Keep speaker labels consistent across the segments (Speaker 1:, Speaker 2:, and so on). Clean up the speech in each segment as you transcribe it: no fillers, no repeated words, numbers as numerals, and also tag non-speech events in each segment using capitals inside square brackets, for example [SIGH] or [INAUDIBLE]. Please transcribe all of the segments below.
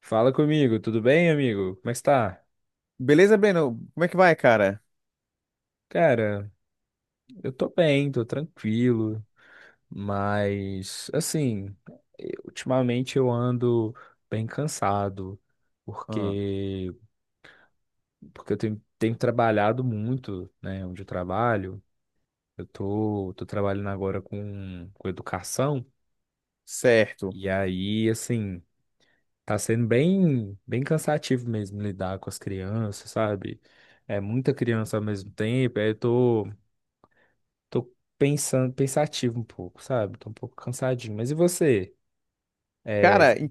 Speaker 1: Fala comigo, tudo bem, amigo? Como é que está?
Speaker 2: Beleza, Breno? Como é que vai, cara?
Speaker 1: Cara, eu tô bem, tô tranquilo, mas assim, ultimamente eu ando bem cansado,
Speaker 2: Ah,
Speaker 1: porque porque eu tenho trabalhado muito, né, onde eu trabalho. Eu tô trabalhando agora com educação,
Speaker 2: certo.
Speaker 1: e aí, assim, tá sendo bem cansativo mesmo lidar com as crianças, sabe? É muita criança ao mesmo tempo, aí eu tô pensando, pensativo um pouco, sabe? Tô um pouco cansadinho. Mas e você? É,
Speaker 2: Cara,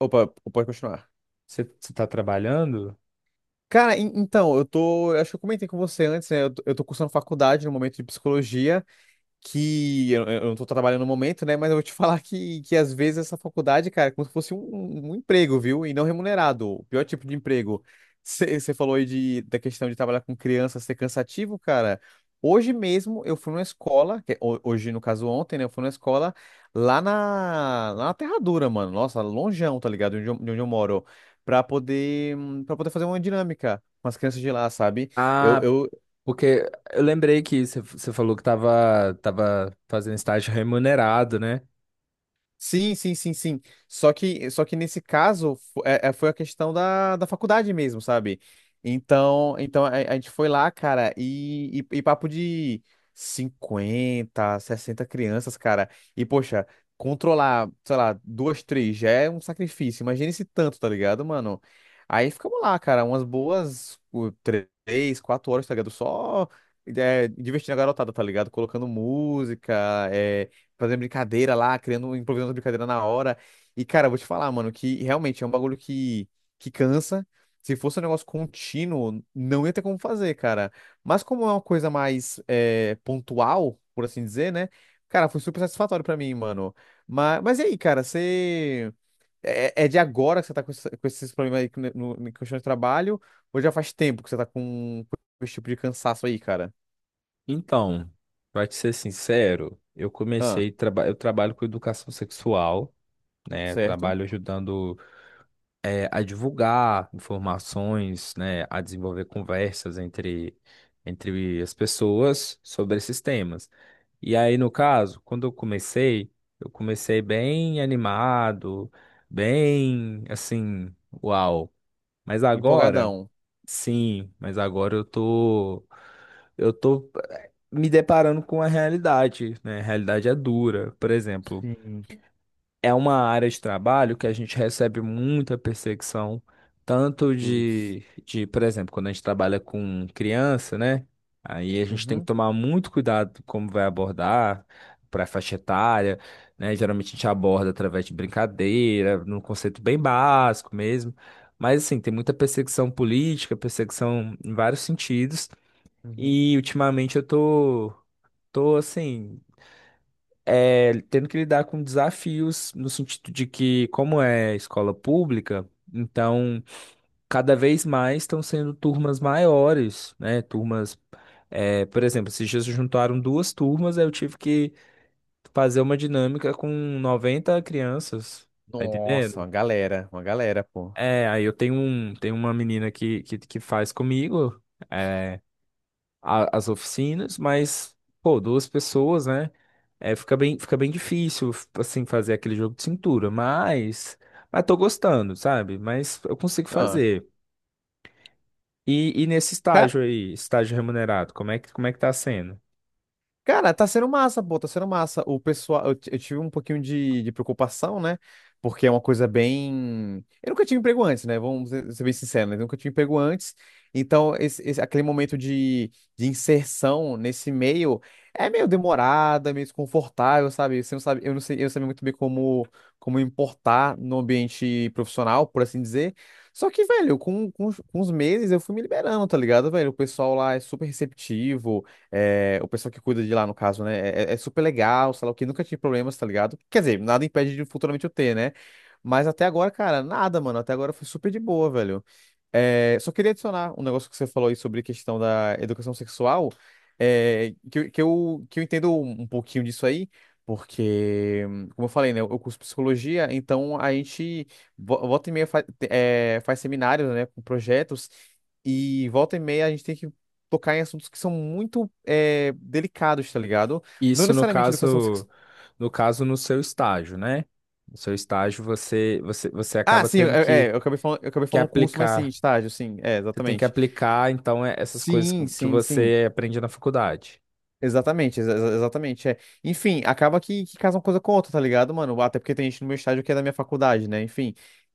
Speaker 2: opa, pode continuar.
Speaker 1: você tá trabalhando?
Speaker 2: Cara, então, eu tô. Acho que eu comentei com você antes, né? Eu tô cursando faculdade no momento de psicologia. Que eu não tô trabalhando no momento, né? Mas eu vou te [LAUGHS] falar que às vezes essa faculdade, cara, é como se fosse um emprego, viu? E não remunerado, o pior tipo de emprego. Você falou aí de, da questão de trabalhar com criança ser cansativo, cara. Hoje mesmo eu fui numa escola, que é hoje no caso ontem, né? Eu fui numa escola lá na Terra Dura, mano. Nossa, longeão, tá ligado? De onde eu moro. Pra poder, para poder fazer uma dinâmica com as crianças de lá, sabe? Eu,
Speaker 1: Ah,
Speaker 2: eu,
Speaker 1: porque eu lembrei que você falou que tava fazendo estágio remunerado, né?
Speaker 2: Sim, sim, sim, sim. Só que nesse caso foi a questão da, da faculdade mesmo, sabe? Então a gente foi lá, cara, e papo de 50 60 crianças, cara. E, poxa, controlar, sei lá, duas, três já é um sacrifício. Imagina esse tanto, tá ligado, mano? Aí ficamos lá, cara, três, quatro horas, tá ligado? Só divertindo a garotada, tá ligado? Colocando música, é, fazendo brincadeira lá, criando, improvisando brincadeira na hora. E, cara, eu vou te falar, mano, que realmente é um bagulho que cansa. Se fosse um negócio contínuo, não ia ter como fazer, cara. Mas como é uma coisa mais pontual, por assim dizer, né? Cara, foi super satisfatório pra mim, mano. Mas e aí, cara, você. É de agora que você tá com, com esses problemas aí no, no, em questão de trabalho? Ou já faz tempo que você tá com esse tipo de cansaço aí, cara?
Speaker 1: Então, pra te ser sincero, eu
Speaker 2: Ah,
Speaker 1: comecei, traba eu trabalho com educação sexual, né? Eu
Speaker 2: certo?
Speaker 1: trabalho ajudando, a divulgar informações, né, a desenvolver conversas entre as pessoas sobre esses temas. E aí, no caso, quando eu comecei bem animado, bem assim, uau. Mas agora,
Speaker 2: Empolgadão.
Speaker 1: sim, mas agora eu tô me deparando com a realidade, né? A realidade é dura. Por exemplo,
Speaker 2: Sim,
Speaker 1: é uma área de trabalho que a gente recebe muita perseguição, tanto
Speaker 2: putz.
Speaker 1: de, por exemplo, quando a gente trabalha com criança, né? Aí a gente tem que
Speaker 2: Uhum,
Speaker 1: tomar muito cuidado como vai abordar para a faixa etária, né? Geralmente a gente aborda através de brincadeira, num conceito bem básico mesmo. Mas assim, tem muita perseguição política, perseguição em vários sentidos,
Speaker 2: uhum.
Speaker 1: e ultimamente eu tô assim, tendo que lidar com desafios no sentido de que, como é escola pública, então cada vez mais estão sendo turmas maiores, né? Turmas, é, por exemplo, esses dias se juntaram duas turmas, aí eu tive que fazer uma dinâmica com 90 crianças, tá
Speaker 2: Nossa,
Speaker 1: entendendo?
Speaker 2: uma galera, pô.
Speaker 1: É, aí eu tenho uma menina que faz comigo é, a- as oficinas, mas, pô, duas pessoas, né? É, fica bem difícil, assim, fazer aquele jogo de cintura, mas tô gostando, sabe? Mas eu consigo
Speaker 2: Ah,
Speaker 1: fazer. E nesse
Speaker 2: cara.
Speaker 1: estágio aí, estágio remunerado, como é que tá sendo?
Speaker 2: Cara, tá sendo massa, pô, tá sendo massa. O pessoal, eu tive um pouquinho de preocupação, né? Porque é uma coisa bem. Eu nunca tive emprego antes, né? Vamos ser bem sinceros, né? Eu nunca tive emprego antes. Então, aquele momento de inserção nesse meio é meio demorado, é meio desconfortável, sabe? Você não sabe, eu não sei, eu não sabia muito bem como, como importar no ambiente profissional, por assim dizer. Só que, velho, com os meses eu fui me liberando, tá ligado, velho? O pessoal lá é super receptivo. É, o pessoal que cuida de lá, no caso, né? É super legal, sei lá o que, nunca tive problemas, tá ligado? Quer dizer, nada impede de futuramente eu ter, né? Mas até agora, cara, nada, mano. Até agora foi super de boa, velho. É, só queria adicionar um negócio que você falou aí sobre questão da educação sexual, é, que, eu, que eu que eu entendo um pouquinho disso aí, porque, como eu falei, né, eu curso psicologia, então a gente volta e meia faz seminários, né, com projetos, e volta e meia a gente tem que tocar em assuntos que são muito delicados, tá ligado? Não
Speaker 1: Isso no
Speaker 2: necessariamente educação sexual.
Speaker 1: caso, no caso no seu estágio, né? No seu estágio você
Speaker 2: Ah,
Speaker 1: acaba
Speaker 2: sim,
Speaker 1: tendo
Speaker 2: é, é, eu acabei
Speaker 1: que
Speaker 2: falando curso, mas sim,
Speaker 1: aplicar.
Speaker 2: estágio, sim, é,
Speaker 1: Você tem que
Speaker 2: exatamente.
Speaker 1: aplicar, então, essas coisas
Speaker 2: Sim,
Speaker 1: que
Speaker 2: sim, sim.
Speaker 1: você aprende na faculdade.
Speaker 2: Exatamente, exatamente, é. Enfim, acaba que casa uma coisa com outra, tá ligado, mano? Até porque tem gente no meu estádio que é da minha faculdade, né? Enfim.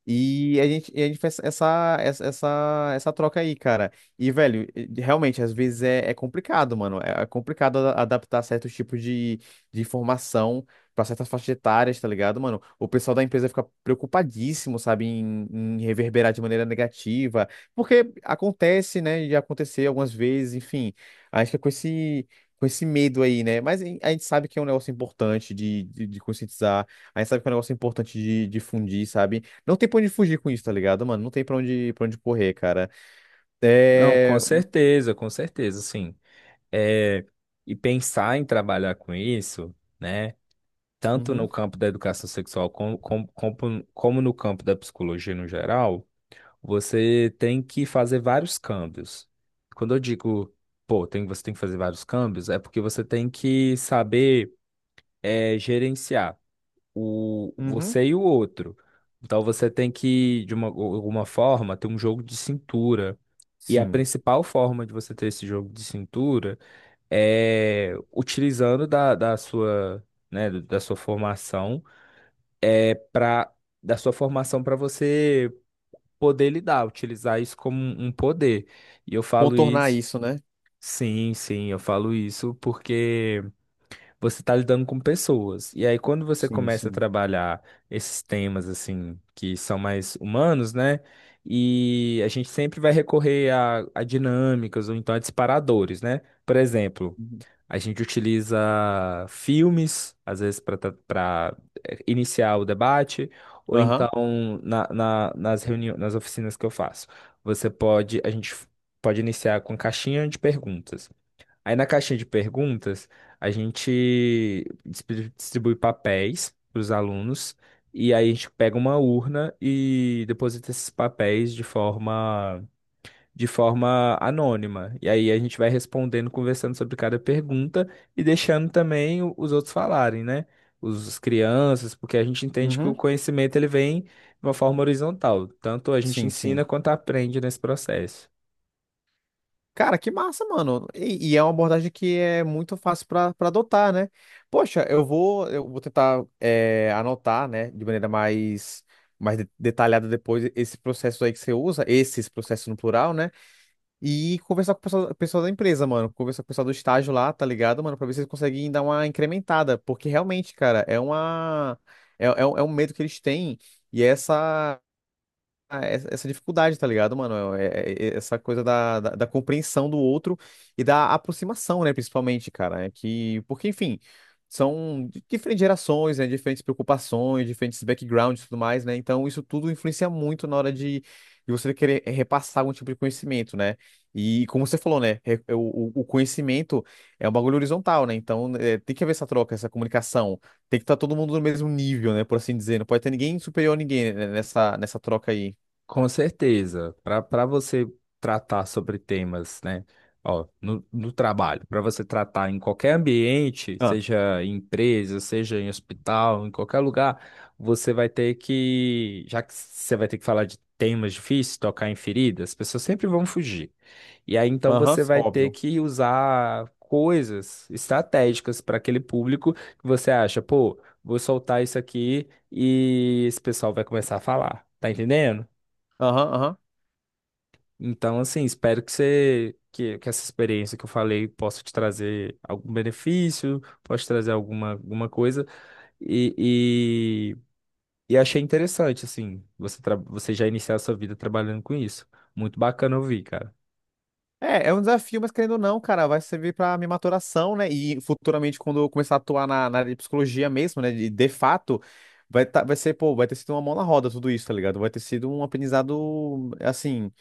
Speaker 2: E a gente faz essa troca aí, cara. E, velho, realmente, às vezes é complicado, mano. É complicado adaptar certos tipos de informação pra certas faixas etárias, tá ligado, mano? O pessoal da empresa fica preocupadíssimo, sabe, em, em reverberar de maneira negativa. Porque acontece, né? Já aconteceu algumas vezes, enfim. Acho que é com esse medo aí, né? Mas a gente sabe que é um negócio importante de conscientizar, a gente sabe que é um negócio importante de difundir, sabe? Não tem pra onde fugir com isso, tá ligado, mano? Não tem pra onde correr, cara.
Speaker 1: Não,
Speaker 2: É.
Speaker 1: com certeza, sim. É, e pensar em trabalhar com isso, né? Tanto no
Speaker 2: Uhum,
Speaker 1: campo da educação sexual como no campo da psicologia no geral, você tem que fazer vários câmbios. Quando eu digo, pô, tem, você tem que fazer vários câmbios, é porque você tem que saber gerenciar o,
Speaker 2: uhum,
Speaker 1: você e o outro. Então você tem que, de uma, alguma forma, ter um jogo de cintura. E a
Speaker 2: sim.
Speaker 1: principal forma de você ter esse jogo de cintura utilizando da sua, né, da sua formação, é para da sua formação para você poder lidar, utilizar isso como um poder. E eu falo
Speaker 2: Contornar
Speaker 1: isso,
Speaker 2: isso, né?
Speaker 1: sim, sim, eu falo isso porque você está lidando com pessoas. E aí quando você
Speaker 2: Sim,
Speaker 1: começa a
Speaker 2: sim.
Speaker 1: trabalhar esses temas assim que são mais humanos, né? E a gente sempre vai recorrer a dinâmicas ou então a disparadores, né? Por exemplo,
Speaker 2: Uhum.
Speaker 1: a gente utiliza filmes, às vezes, para iniciar o debate, ou
Speaker 2: Aham.
Speaker 1: então nas reuniões, nas oficinas que eu faço. Você pode, a gente pode iniciar com caixinha de perguntas. Aí na caixinha de perguntas, a gente distribui papéis para os alunos, e aí a gente pega uma urna e deposita esses papéis de forma anônima. E aí a gente vai respondendo, conversando sobre cada pergunta e deixando também os outros falarem, né? As crianças, porque a gente entende que o
Speaker 2: Uhum.
Speaker 1: conhecimento ele vem de uma forma horizontal. Tanto a gente
Speaker 2: Sim,
Speaker 1: ensina
Speaker 2: sim.
Speaker 1: quanto aprende nesse processo.
Speaker 2: Cara, que massa, mano. E é uma abordagem que é muito fácil para adotar, né? Poxa, eu vou tentar é, anotar, né, de maneira mais, mais detalhada depois esse processo aí que você usa, esses processos no plural, né? E conversar com o pessoal, pessoal da empresa, mano. Conversar com o pessoal do estágio lá, tá ligado, mano? Pra ver se eles conseguem dar uma incrementada. Porque realmente, cara, é uma. É um medo que eles têm. E essa. Ah, essa essa dificuldade, tá ligado, mano? Essa coisa da, da, da compreensão do outro e da aproximação, né, principalmente, cara. É que, porque, enfim, são diferentes gerações, né, diferentes preocupações, diferentes backgrounds e tudo mais, né? Então, isso tudo influencia muito na hora de você querer repassar algum tipo de conhecimento, né? E, como você falou, né, o, o conhecimento é um bagulho horizontal, né? Então, é, tem que haver essa troca, essa comunicação. Tem que estar todo mundo no mesmo nível, né? Por assim dizer. Não pode ter ninguém superior a ninguém né, nessa, nessa troca aí.
Speaker 1: Com certeza, para você tratar sobre temas, né? Ó, no trabalho, para você tratar em qualquer ambiente,
Speaker 2: Ah,
Speaker 1: seja em empresa, seja em hospital, em qualquer lugar, você vai ter que, já que você vai ter que falar de temas difíceis, tocar em feridas, as pessoas sempre vão fugir. E aí então
Speaker 2: aham,
Speaker 1: você vai ter
Speaker 2: óbvio.
Speaker 1: que usar coisas estratégicas para aquele público que você acha, pô, vou soltar isso aqui e esse pessoal vai começar a falar, tá entendendo?
Speaker 2: Aham, aham.
Speaker 1: Então, assim, espero que que essa experiência que eu falei possa te trazer algum benefício, possa te trazer alguma, alguma coisa. E, e, e achei interessante, assim, você já iniciar a sua vida trabalhando com isso. Muito bacana ouvir, cara.
Speaker 2: É, é um desafio, mas querendo ou não, cara, vai servir pra minha maturação, né? E futuramente, quando eu começar a atuar na, na área de psicologia mesmo, né? De fato, vai ser, pô, vai ter sido uma mão na roda tudo isso, tá ligado? Vai ter sido um aprendizado, assim,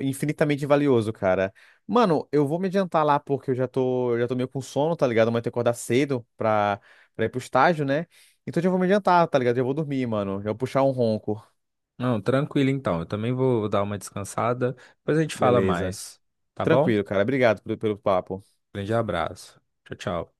Speaker 2: infinitamente valioso, cara. Mano, eu vou me adiantar lá porque eu já tô meio com sono, tá ligado? Amanhã eu que acordar cedo pra, pra ir pro estágio, né? Então eu já vou me adiantar, tá ligado? Já vou dormir, mano. Já vou puxar um ronco.
Speaker 1: Não, tranquilo então. Eu também vou dar uma descansada. Depois a gente fala
Speaker 2: Beleza.
Speaker 1: mais, tá bom?
Speaker 2: Tranquilo, cara. Obrigado pelo, pelo papo.
Speaker 1: Grande abraço. Tchau, tchau.